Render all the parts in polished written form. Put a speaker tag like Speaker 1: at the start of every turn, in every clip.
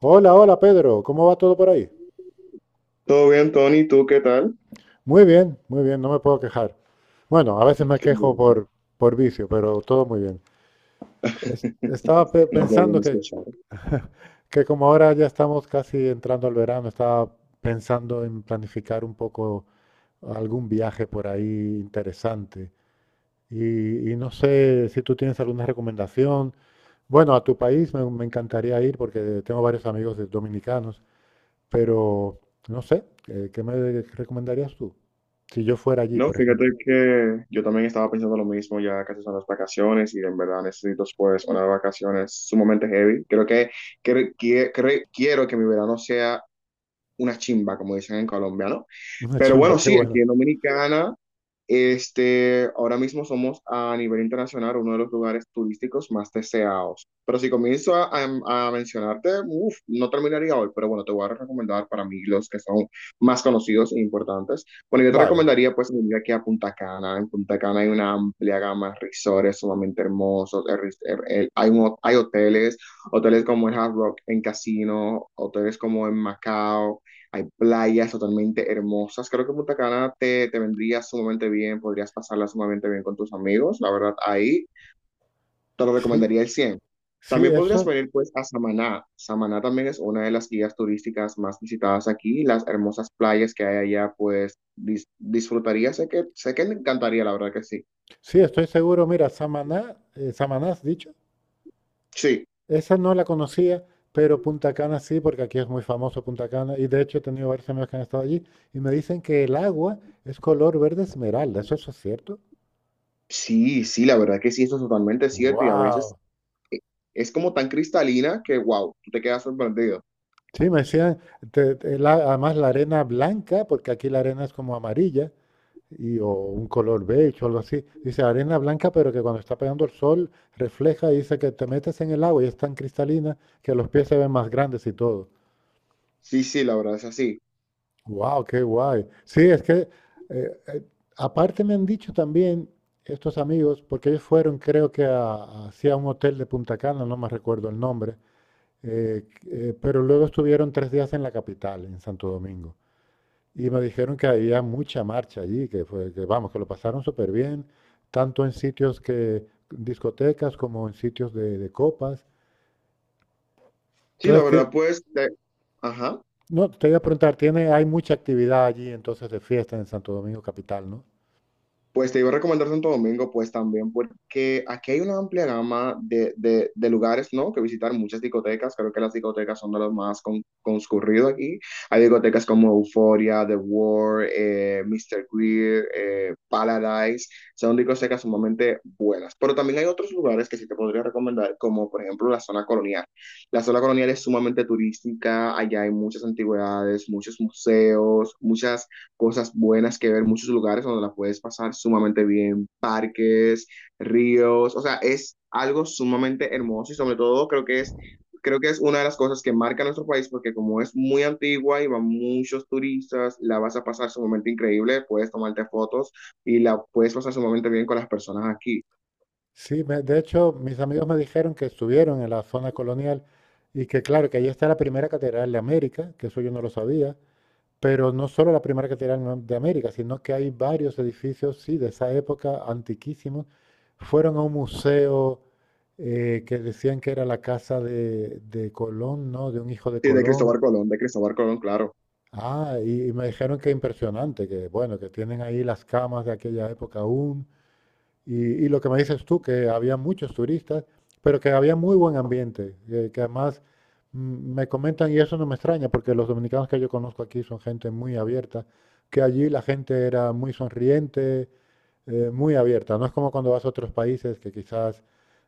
Speaker 1: Hola, hola Pedro, ¿cómo va todo por ahí?
Speaker 2: Todo bien, Tony, ¿tú qué tal?
Speaker 1: Muy bien, no me puedo quejar. Bueno, a veces me
Speaker 2: Qué
Speaker 1: quejo
Speaker 2: bien.
Speaker 1: por vicio, pero todo muy bien. Estaba
Speaker 2: No, qué
Speaker 1: pensando
Speaker 2: bueno escuchar.
Speaker 1: que como ahora ya estamos casi entrando al verano, estaba pensando en planificar un poco algún viaje por ahí interesante. Y no sé si tú tienes alguna recomendación. Bueno, a tu país me encantaría ir porque tengo varios amigos dominicanos. Pero no sé, ¿qué me recomendarías tú? Si yo fuera allí,
Speaker 2: No,
Speaker 1: por ejemplo.
Speaker 2: fíjate que yo también estaba pensando lo mismo, ya casi son las vacaciones y en verdad necesito pues unas vacaciones sumamente heavy. Creo que- cre- Quiero que mi verano sea una chimba, como dicen en Colombia, ¿no?
Speaker 1: Una
Speaker 2: Pero
Speaker 1: chimba,
Speaker 2: bueno,
Speaker 1: qué
Speaker 2: sí,
Speaker 1: bueno.
Speaker 2: aquí en Dominicana, ahora mismo somos a nivel internacional uno de los lugares turísticos más deseados. Pero si comienzo a mencionarte, uf, no terminaría hoy, pero bueno, te voy a recomendar para mí los que son más conocidos e importantes. Bueno, yo te
Speaker 1: Vale.
Speaker 2: recomendaría pues venir aquí a Punta Cana. En Punta Cana hay una amplia gama de resorts sumamente hermosos. El res- el- hay, un- hay hoteles, hoteles como el Hard Rock en Casino, hoteles como en Macao. Hay playas totalmente hermosas. Creo que Punta Cana te vendría sumamente bien, podrías pasarla sumamente bien con tus amigos. La verdad, ahí te lo
Speaker 1: Sí,
Speaker 2: recomendaría el 100.
Speaker 1: sí,
Speaker 2: También podrías
Speaker 1: eso.
Speaker 2: venir pues a Samaná. Samaná también es una de las guías turísticas más visitadas aquí. Las hermosas playas que hay allá pues disfrutaría. Sé que le encantaría, la verdad que sí.
Speaker 1: Sí, estoy seguro. Mira, Samaná, Samaná has dicho.
Speaker 2: Sí,
Speaker 1: Esa no la conocía, pero Punta Cana sí, porque aquí es muy famoso Punta Cana. Y de hecho he tenido varios amigos que han estado allí y me dicen que el agua es color verde esmeralda. ¿Eso, eso es cierto?
Speaker 2: sí, sí, la verdad que sí, eso es totalmente cierto y a veces
Speaker 1: ¡Wow!
Speaker 2: es como tan cristalina que wow, tú te quedas sorprendido.
Speaker 1: Sí, me decían, además la arena blanca, porque aquí la arena es como amarilla. Y, o un color beige o algo así. Dice arena blanca, pero que cuando está pegando el sol refleja y dice que te metes en el agua y es tan cristalina que los pies se ven más grandes y todo.
Speaker 2: Sí, sí, la verdad es así.
Speaker 1: ¡Wow! ¡Qué guay! Sí, es que eh, eh, aparte me han dicho también estos amigos, porque ellos fueron creo que a, hacia un hotel de Punta Cana, no me recuerdo el nombre, eh, pero luego estuvieron tres días en la capital, en Santo Domingo. Y me dijeron que había mucha marcha allí, que fue, que vamos, que lo pasaron súper bien, tanto en sitios discotecas como en sitios de copas.
Speaker 2: Sí, la
Speaker 1: Entonces,
Speaker 2: verdad, ajá,
Speaker 1: no, te iba a preguntar, tiene, hay mucha actividad allí entonces de fiesta en Santo Domingo Capital, ¿no?
Speaker 2: pues te iba a recomendar Santo Domingo, pues también, porque aquí hay una amplia gama de lugares, ¿no? Que visitar, muchas discotecas, creo que las discotecas son de los más concurridos aquí. Hay discotecas como Euphoria, The War, Mr. Greer, Paradise, son discotecas sumamente buenas. Pero también hay otros lugares que sí te podría recomendar, como por ejemplo la zona colonial. La zona colonial es sumamente turística, allá hay muchas antigüedades, muchos museos, muchas cosas buenas que ver, muchos lugares donde la puedes pasar sumamente bien, parques, ríos, o sea, es algo sumamente hermoso y sobre todo creo que es una de las cosas que marca nuestro país porque como es muy antigua y van muchos turistas, la vas a pasar sumamente increíble, puedes tomarte fotos y la puedes pasar sumamente bien con las personas aquí.
Speaker 1: Sí, de hecho, mis amigos me dijeron que estuvieron en la zona colonial y que claro, que allí está la primera catedral de América, que eso yo no lo sabía. Pero no solo la primera catedral de América, sino que hay varios edificios, sí, de esa época, antiquísimos. Fueron a un museo que decían que era la casa de Colón, ¿no? De un hijo de
Speaker 2: Sí,
Speaker 1: Colón.
Speaker 2: De Cristóbal Colón, claro.
Speaker 1: Ah, y me dijeron que impresionante, que bueno, que tienen ahí las camas de aquella época aún. Y, y lo que me dices tú, que había muchos turistas, pero que había muy buen ambiente, que además mm, me comentan, y eso no me extraña, porque los dominicanos que yo conozco aquí son gente muy abierta, que allí la gente era muy sonriente, muy abierta. No es como cuando vas a otros países que quizás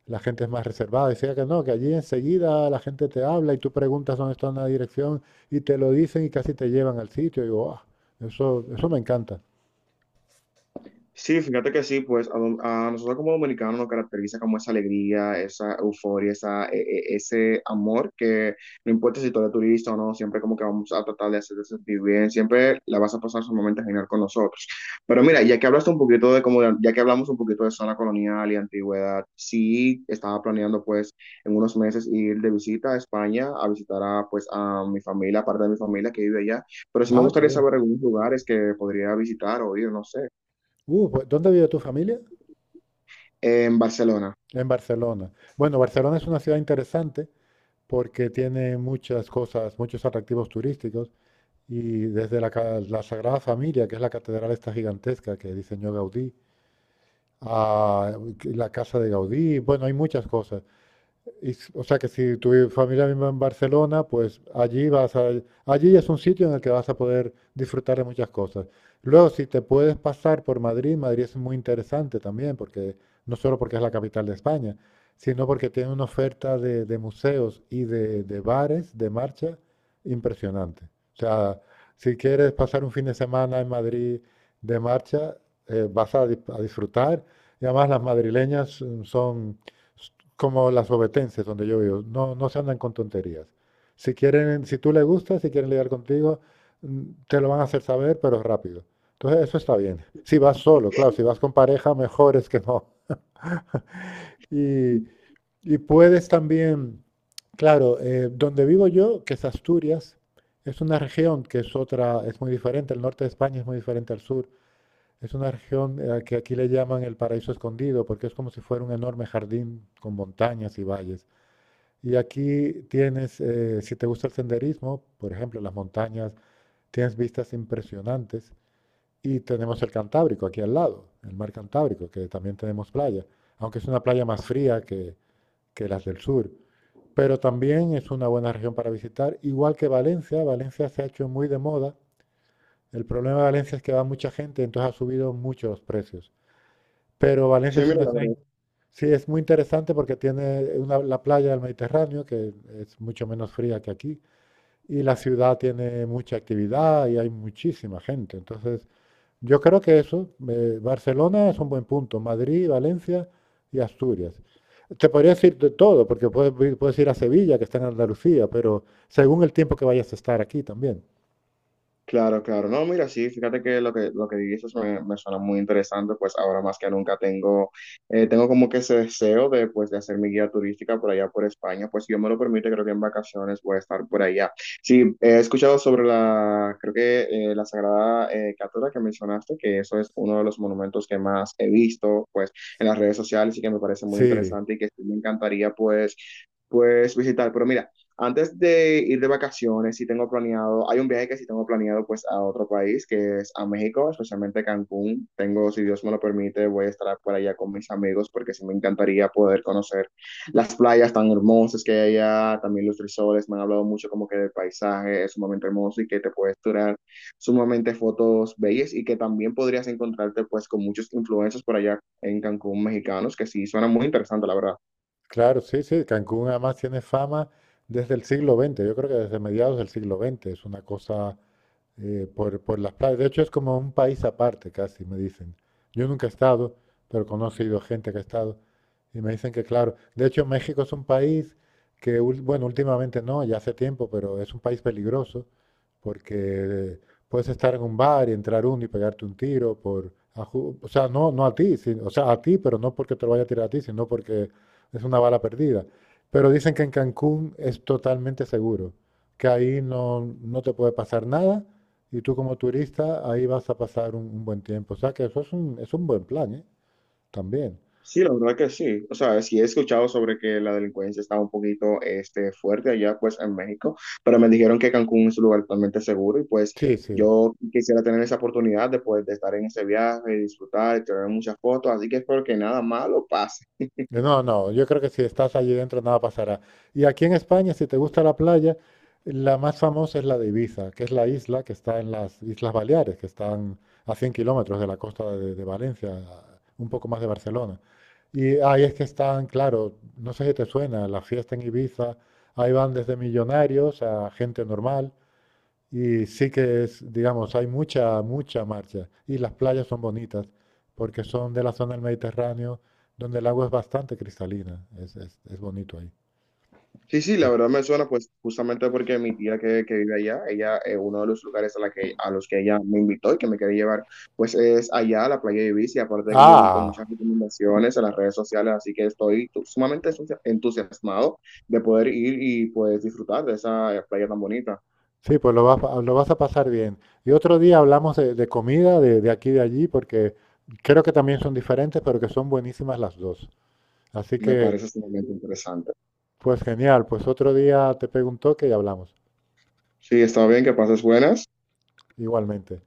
Speaker 1: la gente es más reservada. Decía que no, que allí enseguida la gente te habla y tú preguntas dónde está una dirección y te lo dicen y casi te llevan al sitio. Y digo, ah, eso me encanta.
Speaker 2: Sí, fíjate que sí, pues a nosotros como dominicanos nos caracteriza como esa alegría, esa euforia, ese amor que no importa si tú eres turista o no, siempre como que vamos a tratar de hacerte sentir bien, siempre la vas a pasar sumamente genial con nosotros. Pero mira, ya que hablamos un poquito de zona colonial y antigüedad, sí estaba planeando pues en unos meses ir de visita a España a visitar a mi familia, parte de mi familia que vive allá, pero sí me
Speaker 1: Ah, qué
Speaker 2: gustaría
Speaker 1: bien.
Speaker 2: saber algunos lugares que podría visitar o ir, no sé.
Speaker 1: Pues, ¿dónde vive tu familia?
Speaker 2: En Barcelona.
Speaker 1: En Barcelona. Bueno, Barcelona es una ciudad interesante porque tiene muchas cosas, muchos atractivos turísticos y desde la Sagrada Familia, que es la catedral esta gigantesca que diseñó Gaudí, a la casa de Gaudí, bueno, hay muchas cosas. Y o sea que si tu familia vive en Barcelona, pues allí es un sitio en el que vas a poder disfrutar de muchas cosas. Luego, si te puedes pasar por Madrid, Madrid es muy interesante también, porque no solo porque es la capital de España, sino porque tiene una oferta de museos y de bares de marcha impresionante. O sea, si quieres pasar un fin de semana en Madrid de marcha, vas a, a disfrutar. Y además las madrileñas son s- como las obetenses donde yo vivo, no, no se andan con tonterías. Si quieren, si tú le gustas, si quieren lidiar contigo, mm, te lo van a hacer saber, pero rápido. Entonces, eso está bien. Si vas solo, claro, si vas con pareja, mejor es que no. Y, y puedes también, claro, donde vivo yo, que es Asturias, es una región que es otra, es muy diferente, el norte de España es muy diferente al sur. Es una región que aquí le llaman el paraíso escondido, porque es como si fuera un enorme jardín con montañas y valles. Y aquí tienes, si te gusta el senderismo, por ejemplo, las montañas, tienes vistas impresionantes. Y tenemos el Cantábrico aquí al lado, el mar Cantábrico, que también tenemos playa, aunque es una playa más fría que las del sur. Pero también es una buena región para visitar, igual que Valencia. Valencia se ha hecho muy de moda. El problema de Valencia es que va mucha gente, entonces ha subido mucho los precios. Pero Valencia
Speaker 2: Sí,
Speaker 1: es
Speaker 2: mira,
Speaker 1: una
Speaker 2: la
Speaker 1: ciudad.
Speaker 2: verdad.
Speaker 1: Sí, es muy interesante porque tiene la playa del Mediterráneo, que es mucho menos fría que aquí, y la ciudad tiene mucha actividad y hay muchísima gente. Entonces, yo creo que eso, Barcelona es un buen punto, Madrid, Valencia y Asturias. Te podría decir de todo, porque puedes, puedes ir a Sevilla, que está en Andalucía, pero según el tiempo que vayas a estar aquí también.
Speaker 2: Claro, claro. No, mira, sí, fíjate que lo que dices me suena muy interesante, pues ahora más que nunca tengo, tengo como que ese deseo de, pues, de hacer mi guía turística por allá por España, pues si Dios me lo permite, creo que en vacaciones voy a estar por allá. Sí, he escuchado sobre la, creo que la Sagrada Cátora que mencionaste, que eso es uno de los monumentos que más he visto, pues, en las redes sociales y que me parece muy
Speaker 1: Sí,
Speaker 2: interesante y que sí me encantaría, pues, pues, visitar. Pero mira. Antes de ir de vacaciones, si tengo planeado, hay un viaje que sí tengo planeado pues a otro país, que es a México, especialmente Cancún. Tengo, si Dios me lo permite, voy a estar por allá con mis amigos porque sí me encantaría poder conocer las playas tan hermosas que hay allá, también los resorts, me han hablado mucho como que del paisaje es sumamente hermoso y que te puedes tirar sumamente fotos bellas y que también podrías encontrarte pues con muchos influencers por allá en Cancún mexicanos, que sí suena muy interesante, la verdad.
Speaker 1: claro, sí, sí. Cancún además tiene fama desde el siglo XX. Yo creo que desde mediados del siglo XX es una cosa por las playas. De hecho, es como un país aparte casi, me dicen. Yo nunca he estado, pero he conocido gente que ha estado y me dicen que, claro, de hecho, México es un país que, bueno, últimamente no, ya hace tiempo, pero es un país peligroso porque puedes estar en un bar y entrar uno y pegarte un tiro por, o sea, no, no a ti, o sea, a ti, pero no porque te lo vaya a tirar a ti, sino porque es una bala perdida. Pero dicen que en Cancún es totalmente seguro, que ahí no, no te puede pasar nada y tú como turista ahí vas a pasar un buen tiempo. O sea que eso es es un buen plan, ¿eh? También.
Speaker 2: Sí, la verdad que sí. O sea, sí he escuchado sobre que la delincuencia estaba un poquito este, fuerte allá pues en México, pero me dijeron que Cancún es un lugar totalmente seguro y pues
Speaker 1: Sí, sí.
Speaker 2: yo quisiera tener esa oportunidad de, pues, de estar en ese viaje, disfrutar y tener muchas fotos, así que espero que nada malo pase.
Speaker 1: No, no, yo creo que si estás allí dentro nada pasará. Y aquí en España, si te gusta la playa, la más famosa es la de Ibiza, que es la isla que está en las Islas Baleares, que están a 100 kilómetros de la costa de Valencia, un poco más de Barcelona. Y ahí es que están, claro, no sé si te suena, la fiesta en Ibiza, ahí van desde millonarios a gente normal. Y sí que es, digamos, hay mucha marcha. Y las playas son bonitas porque son de la zona del Mediterráneo donde el agua es bastante cristalina. Es bonito ahí.
Speaker 2: Sí, sí, la
Speaker 1: Entonces-
Speaker 2: verdad me suena pues justamente porque mi tía que vive allá, ella, uno de los lugares a los que ella me invitó y que me quería llevar, pues es allá a la playa de Ibiza, y aparte de que yo he visto
Speaker 1: ah,
Speaker 2: muchas recomendaciones en las redes sociales, así que estoy sumamente entusiasmado de poder ir y pues disfrutar de esa playa tan bonita.
Speaker 1: sí, pues lo vas a pasar bien. Y otro día hablamos de comida de aquí y de allí porque creo que también son diferentes, pero que son buenísimas las dos. Así
Speaker 2: Me
Speaker 1: que,
Speaker 2: parece sumamente interesante.
Speaker 1: pues genial. Pues otro día te pego un toque y hablamos.
Speaker 2: Sí, está bien, que pases buenas.
Speaker 1: Igualmente.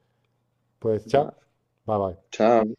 Speaker 1: Pues
Speaker 2: Va,
Speaker 1: chao. Bye bye.
Speaker 2: chao.